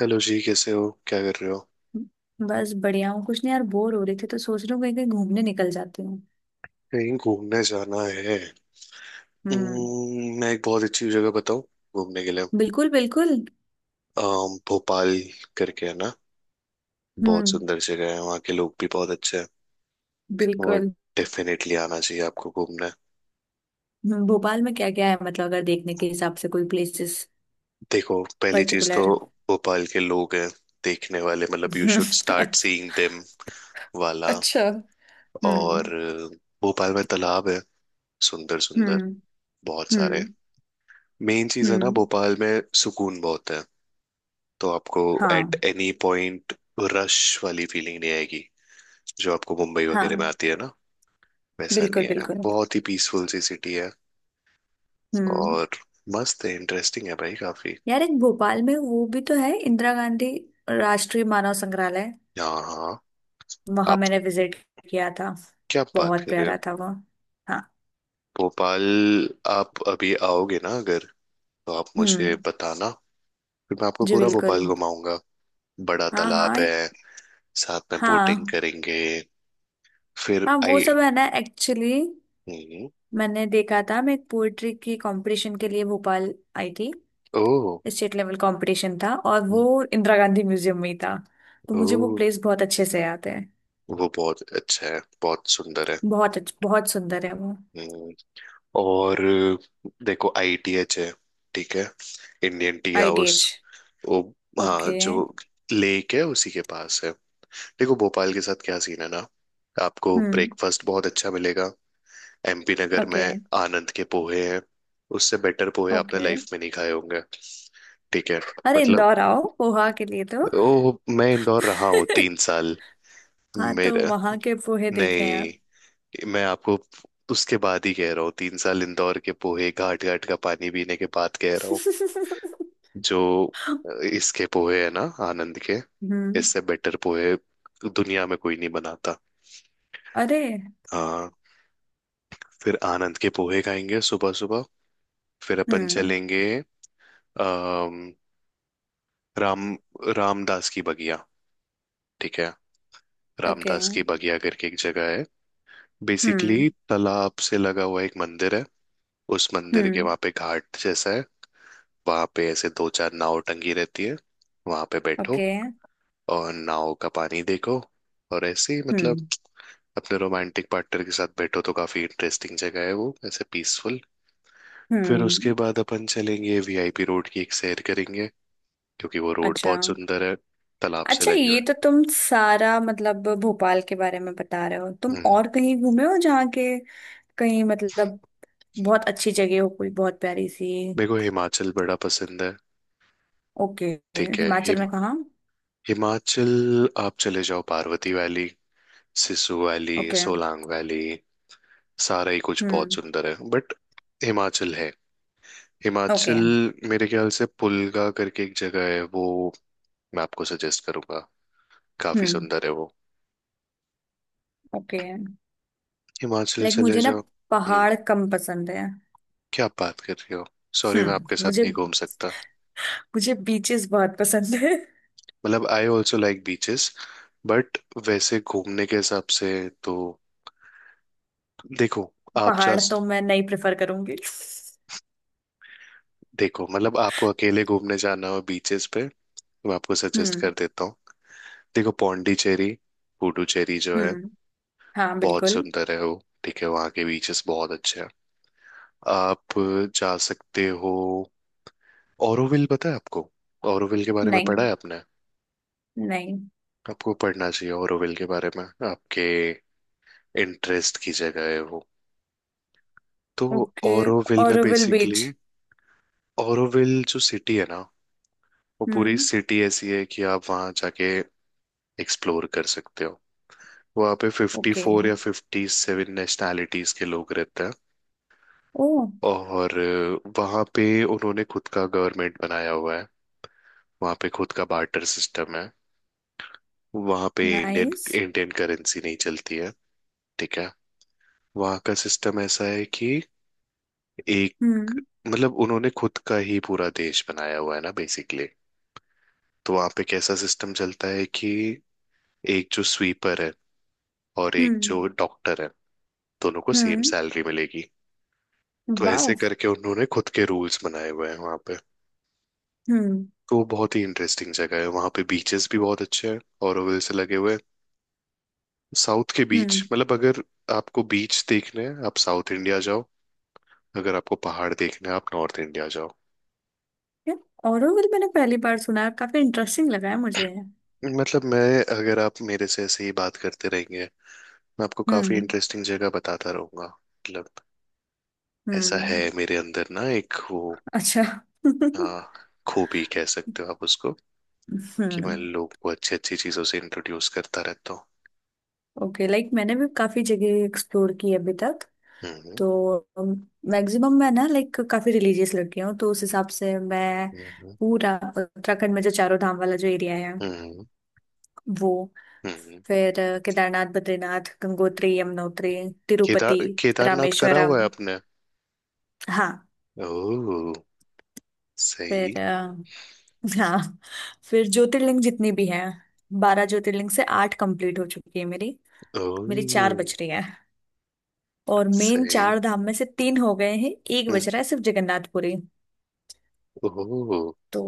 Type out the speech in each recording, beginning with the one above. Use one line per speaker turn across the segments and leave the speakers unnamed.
Hello जी। कैसे हो? क्या कर रहे हो?
बस बढ़िया हूँ। कुछ नहीं यार, बोर हो रही थी तो सोच रही हूँ कहीं कहीं घूमने निकल जाती हूँ।
कहीं घूमने जाना है?
हम्म।
मैं एक बहुत अच्छी जगह बताऊं घूमने के लिए?
बिल्कुल बिल्कुल।
भोपाल करके है ना। बहुत
हम्म।
सुंदर जगह है। वहाँ के लोग भी बहुत अच्छे हैं। और
बिल्कुल।
डेफिनेटली आना चाहिए आपको घूमने।
भोपाल में क्या क्या है, मतलब अगर देखने के हिसाब से कोई प्लेसेस
देखो, पहली चीज तो
पर्टिकुलर?
भोपाल के लोग हैं देखने वाले, मतलब you should start seeing them वाला।
अच्छा। हम्म।
और भोपाल में तालाब है, सुंदर सुंदर,
हम्म।
बहुत सारे।
हम्म।
मेन चीज है ना,
हम्म।
भोपाल में सुकून बहुत है। तो आपको एट
हाँ
एनी पॉइंट रश वाली फीलिंग नहीं आएगी, जो आपको मुंबई वगैरह में
हाँ।
आती है ना। वैसा
बिल्कुल
नहीं है,
बिल्कुल।
बहुत ही पीसफुल सी सिटी है।
हम्म।
और मस्त है, इंटरेस्टिंग है भाई काफी।
यार, एक भोपाल में वो भी तो है, इंदिरा गांधी राष्ट्रीय मानव संग्रहालय।
हाँ, हाँ।
वहां
आप
मैंने विजिट किया था।
क्या बात
बहुत
कर रहे हो?
प्यारा था वो। हाँ।
भोपाल आप अभी आओगे ना, अगर तो आप मुझे
हम्म।
बताना। फिर मैं आपको
जी
पूरा
बिल्कुल।
भोपाल घुमाऊंगा। बड़ा
हाँ
तालाब
हाँ।
है, साथ में बोटिंग
हाँ।
करेंगे। फिर
हाँ, वो
आई।
सब है ना एक्चुअली।
हम्म।
मैंने देखा था, मैं एक पोएट्री की कंपटीशन के लिए भोपाल आई थी।
ओह।
स्टेट लेवल कंपटीशन था, और
हम्म।
वो इंदिरा गांधी म्यूजियम में ही था। तो मुझे वो
ओह।
प्लेस बहुत अच्छे से याद है।
वो बहुत अच्छा है, बहुत सुंदर है।
बहुत सुंदर है वो।
हम्म, और देखो, आईटीएच है, ठीक है, इंडियन टी हाउस
आईटीएच।
वो,
ओके।
हाँ, जो लेक है उसी के पास है। देखो, भोपाल के साथ क्या सीन है ना, आपको
हम्म।
ब्रेकफास्ट बहुत अच्छा मिलेगा एमपी नगर में।
ओके।
आनंद के पोहे हैं, उससे बेटर पोहे आपने
ओके।
लाइफ में नहीं खाए होंगे। ठीक है।
अरे,
मतलब,
इंदौर आओ पोहा के लिए तो।
ओ, मैं इंदौर रहा हूँ तीन साल
हाँ, तो
मेरा
वहां के पोहे देखे हैं आप?
नहीं, मैं आपको उसके बाद ही कह रहा हूँ, 3 साल इंदौर के पोहे, घाट घाट का पानी पीने के बाद कह रहा हूँ। जो इसके पोहे है ना, आनंद के,
हम्म।
इससे बेटर पोहे दुनिया में कोई नहीं बनाता।
अरे।
हाँ। फिर आनंद के पोहे खाएंगे सुबह सुबह, फिर अपन
हम्म।
चलेंगे। अम, राम रामदास की बगिया, ठीक है,
ओके।
रामदास की बगिया करके एक जगह है।
हम्म।
बेसिकली, तालाब से लगा हुआ एक मंदिर है। उस मंदिर के
हम्म।
वहां पे घाट जैसा है। वहां पे ऐसे दो चार नाव टंगी रहती है। वहां पे बैठो
ओके।
और नाव का पानी देखो, और ऐसे ही मतलब
हम्म।
अपने रोमांटिक पार्टनर के साथ बैठो, तो काफी इंटरेस्टिंग जगह है वो, ऐसे पीसफुल। फिर उसके
हम्म।
बाद अपन चलेंगे, वीआईपी रोड की एक सैर करेंगे, क्योंकि वो रोड
अच्छा।
बहुत सुंदर है, तालाब से
अच्छा,
लगी हुई
ये तो तुम सारा मतलब भोपाल के बारे में बता रहे हो,
है।
तुम
हम्म।
और कहीं घूमे हो जहाँ के? कहीं मतलब बहुत अच्छी जगह हो, कोई बहुत प्यारी सी?
मेरे को हिमाचल बड़ा पसंद है।
ओके।
ठीक है,
हिमाचल में कहाँ?
हिमाचल। आप चले जाओ Parvati valley, Sisu valley,
okay.
Solang valley. सारा ही कुछ बहुत
हम्म।
सुंदर है, बट हिमाचल है
ओके।
हिमाचल। मेरे ख्याल से पुलगा करके एक जगह है, वो मैं आपको सजेस्ट करूंगा। काफी
हम्म।
सुंदर है वो।
ओके,
हिमाचल
लाइक
चले
मुझे ना
जाओ। हम्म।
पहाड़ कम पसंद है।
क्या बात कर रहे हो? सॉरी, मैं आपके
हम्म,
साथ
मुझे,
नहीं घूम सकता।
मुझे बीचेस बहुत पसंद है।
मतलब, I also like beaches, but वैसे घूमने के हिसाब से तो देखो, आप जा
पहाड़ तो
सक-
मैं नहीं प्रेफर करूंगी।
देखो, मतलब आपको अकेले घूमने जाना हो बीचेस पे, मैं आपको सजेस्ट कर
हम्म।
देता हूँ। देखो, पौंडीचेरी, पुडुचेरी जो है,
हम्म। हाँ,
बहुत
बिल्कुल।
सुंदर है वो। ठीक है, वहाँ के बीचेस बहुत अच्छे हैं, आप जा सकते हो। ओरोविल पता है आपको? ओरोविल के बारे में
नहीं।
पढ़ा है आपने?
नहीं।
आपको पढ़ना चाहिए ओरोविल के बारे में, आपके इंटरेस्ट की जगह है वो, तो।
ओके।
ओरोविल में
ऑरोविल
बेसिकली,
बीच।
ओरोविल जो सिटी है ना, वो पूरी
हम्म।
सिटी ऐसी है कि आप वहाँ जाके एक्सप्लोर कर सकते हो। वहाँ पे फिफ्टी
ओके।
फोर या 57 नेशनैलिटीज के लोग रहते हैं।
ओ।
और वहाँ पे उन्होंने खुद का गवर्नमेंट बनाया हुआ है, वहाँ पे खुद का बार्टर सिस्टम है, वहाँ पे इंडियन
नाइस।
इंडियन करेंसी नहीं चलती है। ठीक है। वहाँ का सिस्टम ऐसा है कि एक,
हम्म।
मतलब उन्होंने खुद का ही पूरा देश बनाया हुआ है ना, बेसिकली। तो वहां पे कैसा सिस्टम चलता है कि एक जो स्वीपर है, और एक
हम्म।
जो डॉक्टर है, दोनों को सेम
हम्म।
सैलरी मिलेगी। तो ऐसे
वाह।
करके उन्होंने खुद के रूल्स बनाए हुए हैं वहां पे।
हम्म।
तो वो बहुत ही इंटरेस्टिंग जगह है, वहां पे बीचेस भी बहुत अच्छे हैं और से लगे हुए हैं। साउथ के बीच,
हम्म।
मतलब अगर आपको बीच देखने हैं आप साउथ इंडिया जाओ, अगर आपको पहाड़ देखने हैं आप नॉर्थ इंडिया जाओ।
यार, ऑरोविल मैंने पहली बार सुना है, काफी इंटरेस्टिंग लगा है मुझे।
मतलब मैं, अगर आप मेरे से ऐसे ही बात करते रहेंगे, मैं आपको काफी
हम्म।
इंटरेस्टिंग जगह बताता रहूंगा मतलब। ऐसा है
हम्म।
मेरे अंदर ना एक वो,
अच्छा।
आ, खूबी कह सकते हो आप उसको, कि मैं
हम्म।
लोगों को अच्छी अच्छी चीजों से इंट्रोड्यूस करता रहता हूँ।
ओके, लाइक मैंने भी काफी जगह एक्सप्लोर की है अभी तक।
हम्म।
तो मैक्सिमम मैं ना, लाइक काफी रिलीजियस लड़की हूँ, तो उस हिसाब से मैं
हम्म।
पूरा उत्तराखंड में जो चारों धाम वाला जो एरिया है
हम्म।
वो,
हम्म। हम्म।
फिर केदारनाथ, बद्रीनाथ, गंगोत्री, यमुनोत्री, तिरुपति,
केदारनाथ करा हुआ
रामेश्वरम।
है आपने?
हाँ।
ओह। सही।
फिर हाँ, फिर ज्योतिर्लिंग जितनी भी हैं, 12 ज्योतिर्लिंग से 8 कंप्लीट हो चुकी है मेरी। मेरी चार
ओह।
बच रही हैं। और मेन
सही।
4 धाम में से 3 हो गए हैं। एक बच
हम्म।
रहा है सिर्फ जगन्नाथपुरी।
ओह।
तो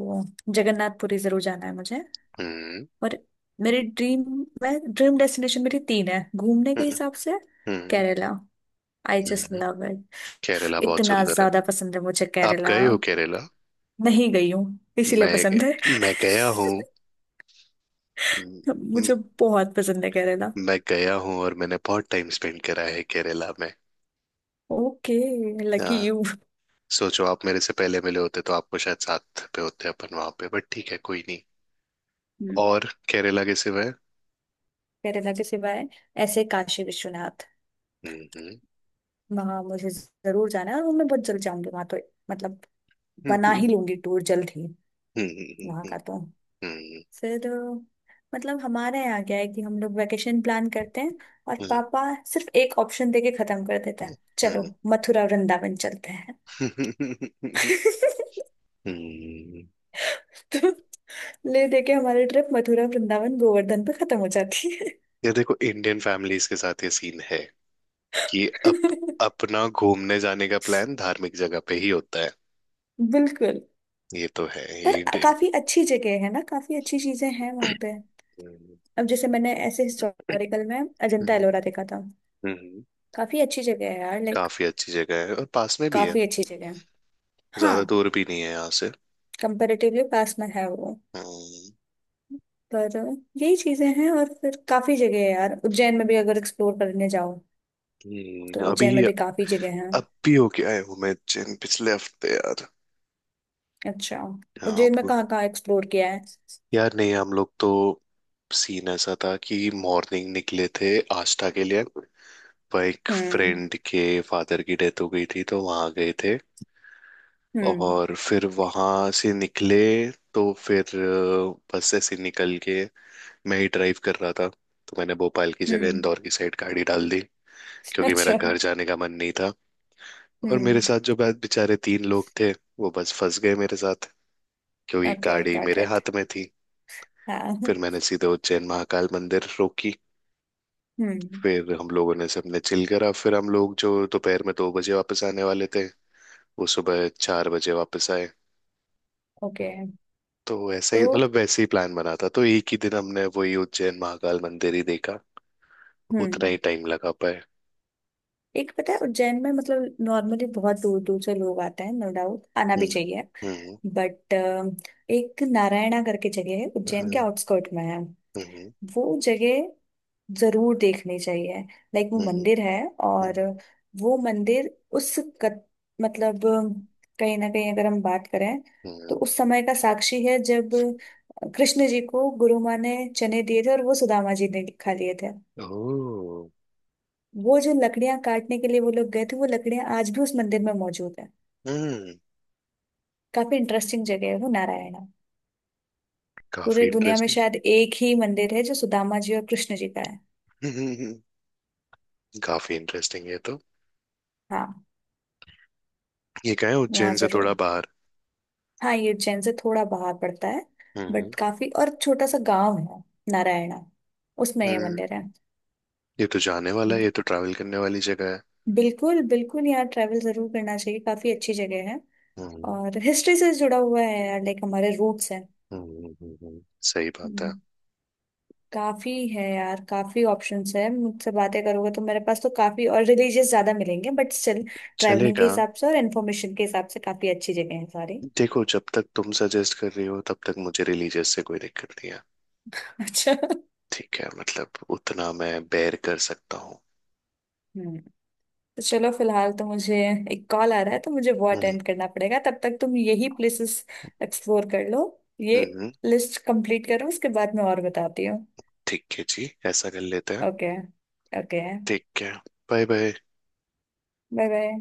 जगन्नाथपुरी जरूर जाना है मुझे।
हम्म।
और मेरी ड्रीम, मैं ड्रीम डेस्टिनेशन मेरी 3 है घूमने के
हम्म।
हिसाब से।
हम्म।
Kerala, I just
hmm.
Love it.
Kerala बहुत
इतना
सुंदर है।
ज्यादा पसंद है मुझे
आप
केरला।
गए हो केरला?
नहीं गई हूँ इसीलिए
मैं
पसंद है।
मैं गया हूँ।
मुझे बहुत पसंद है केरला।
मैं गया हूँ और मैंने बहुत टाइम स्पेंड करा है केरला में।
ओके। लकी
हाँ।
यू।
सोचो, आप मेरे से पहले मिले होते तो आपको शायद साथ पे होते अपन वहां पे, बट ठीक है, कोई नहीं। और केरला के सिवाय।
केरला के सिवाय ऐसे काशी विश्वनाथ,
हम्म। हम्म।
वहां मुझे जरूर जाना है, और वो मैं बहुत जल्द जाऊंगी वहां तो। मतलब बना
हम्म।
ही लूंगी टूर जल्द ही
हम्म।
वहां
हम्म।
का तो। फिर मतलब हमारे यहाँ क्या है कि हम लोग वेकेशन प्लान करते हैं और
हम्म।
पापा सिर्फ एक ऑप्शन देके खत्म कर देता है, चलो
हम्म।
मथुरा वृंदावन चलते हैं।
हम्म। हम्म।
तो ले दे के हमारी ट्रिप मथुरा वृंदावन गोवर्धन पे खत्म हो जाती है।
ये देखो, इंडियन फैमिलीज के साथ ये सीन है कि अपना घूमने जाने का प्लान धार्मिक जगह पे ही होता है।
बिल्कुल।
ये तो है
पर
ये इंडियन।
काफी अच्छी जगह है ना, काफी अच्छी चीजें हैं वहां पे।
हम्म।
अब जैसे मैंने ऐसे हिस्टोरिकल में अजंता
हम्म।
एलोरा देखा था।
हम्म।
काफी अच्छी जगह है यार, लाइक।
काफी अच्छी जगह है और पास में भी है।
काफी अच्छी जगह है।
ज्यादा
हाँ।
दूर भी नहीं है यहाँ से।
कंपेरेटिवली पास में है वो।
हम्म।
पर यही चीजें हैं, और फिर काफी जगह है यार उज्जैन में भी अगर एक्सप्लोर करने जाओ तो। उज्जैन
अभी
में भी काफी जगह हैं।
अब भी होके आए हूँ मैं उज्जैन पिछले हफ्ते यार।
अच्छा,
यहाँ
उज्जैन
आप,
में कहाँ कहाँ एक्सप्लोर किया है?
यार नहीं, हम लोग तो, सीन ऐसा था कि मॉर्निंग निकले थे आष्टा के लिए, पर एक
हम्म।
फ्रेंड के फादर की डेथ हो गई थी तो वहां गए थे।
हम्म।
और फिर वहां से निकले, तो फिर बस ऐसे निकल के, मैं ही ड्राइव कर रहा था, तो मैंने भोपाल की जगह
हम्म।
इंदौर की साइड गाड़ी डाल दी। क्योंकि मेरा
अच्छा।
घर जाने का मन नहीं था। और मेरे
हम्म।
साथ जो बेचारे तीन लोग थे, वो बस फंस गए मेरे साथ, क्योंकि
ओके
गाड़ी
गॉट
मेरे
इट।
हाथ में थी।
हाँ।
फिर मैंने सीधे उज्जैन महाकाल मंदिर रोकी।
हम्म।
फिर हम लोगों ने सबने चिल करा, फिर हम लोग जो दोपहर में 2 बजे वापस आने वाले थे, वो सुबह 4 बजे वापस आए।
ओके।
तो ऐसा
तो,
ही मतलब, वैसे ही प्लान बना था, तो एक ही दिन हमने वही उज्जैन महाकाल मंदिर ही देखा, उतना ही
हम्म,
टाइम लगा पाए।
एक पता है उज्जैन में मतलब नॉर्मली बहुत दूर दूर से लोग आते हैं, नो डाउट आना भी
हम्म।
चाहिए,
हम्म।
बट एक नारायणा करके जगह है, उज्जैन के
हम्म।
आउटस्कर्ट में है।
हम्म।
वो जगह जरूर देखनी चाहिए। लाइक वो
हम्म।
मंदिर है।
हम्म।
और वो मंदिर उस कत, मतलब कहीं ना कहीं अगर हम बात करें
हम्म।
तो उस समय का साक्षी है, जब कृष्ण जी को गुरु माँ ने चने दिए थे और वो सुदामा जी ने खा लिए थे।
ओह।
वो जो लकड़ियां काटने के लिए वो लोग गए थे, वो लकड़ियां आज भी उस मंदिर में मौजूद है।
हम्म।
काफी इंटरेस्टिंग जगह है वो नारायणा।
काफी
पूरे दुनिया में
इंटरेस्टिंग।
शायद एक ही मंदिर है जो सुदामा जी और कृष्ण जी का है।
काफी इंटरेस्टिंग है तो।
हाँ,
ये क्या है,
वहाँ
उज्जैन से
जरूर।
थोड़ा बाहर?
हाँ, ये उज्जैन से थोड़ा बाहर पड़ता है।
हम्म।
बट काफी और छोटा सा गांव है नारायणा, उसमें ये
हम्म।
मंदिर है।
ये तो जाने वाला है, ये तो ट्रैवल करने वाली जगह है।
बिल्कुल बिल्कुल, यहाँ ट्रैवल जरूर करना चाहिए, काफी अच्छी जगह है।
हम्म।
और हिस्ट्री से जुड़ा हुआ है यार, लाइक हमारे रूट्स हैं।
हम्म। हम्म। सही बात है।
हम्म, काफी है यार, काफी ऑप्शंस है। मुझसे बातें करोगे तो मेरे पास तो काफी और रिलीजियस ज्यादा मिलेंगे, बट स्टिल ट्रैवलिंग के
चलेगा।
हिसाब से और इन्फॉर्मेशन के हिसाब से काफी अच्छी जगह है सारी।
देखो, जब तक तुम सजेस्ट कर रही हो तब तक मुझे रिलीजियस से कोई दिक्कत नहीं है।
अच्छा।
ठीक है, मतलब उतना मैं बेर कर सकता हूँ।
हम्म, तो चलो फिलहाल तो मुझे एक कॉल आ रहा है, तो मुझे वो
हम्म।
अटेंड करना पड़ेगा। तब तक तुम यही प्लेसेस एक्सप्लोर कर लो, ये
हम्म। हम्म।
लिस्ट कंप्लीट करो, उसके बाद मैं और बताती हूँ।
ठीक है जी, ऐसा कर लेते हैं।
ओके। ओके।
ठीक है। Bye bye.
Bye bye.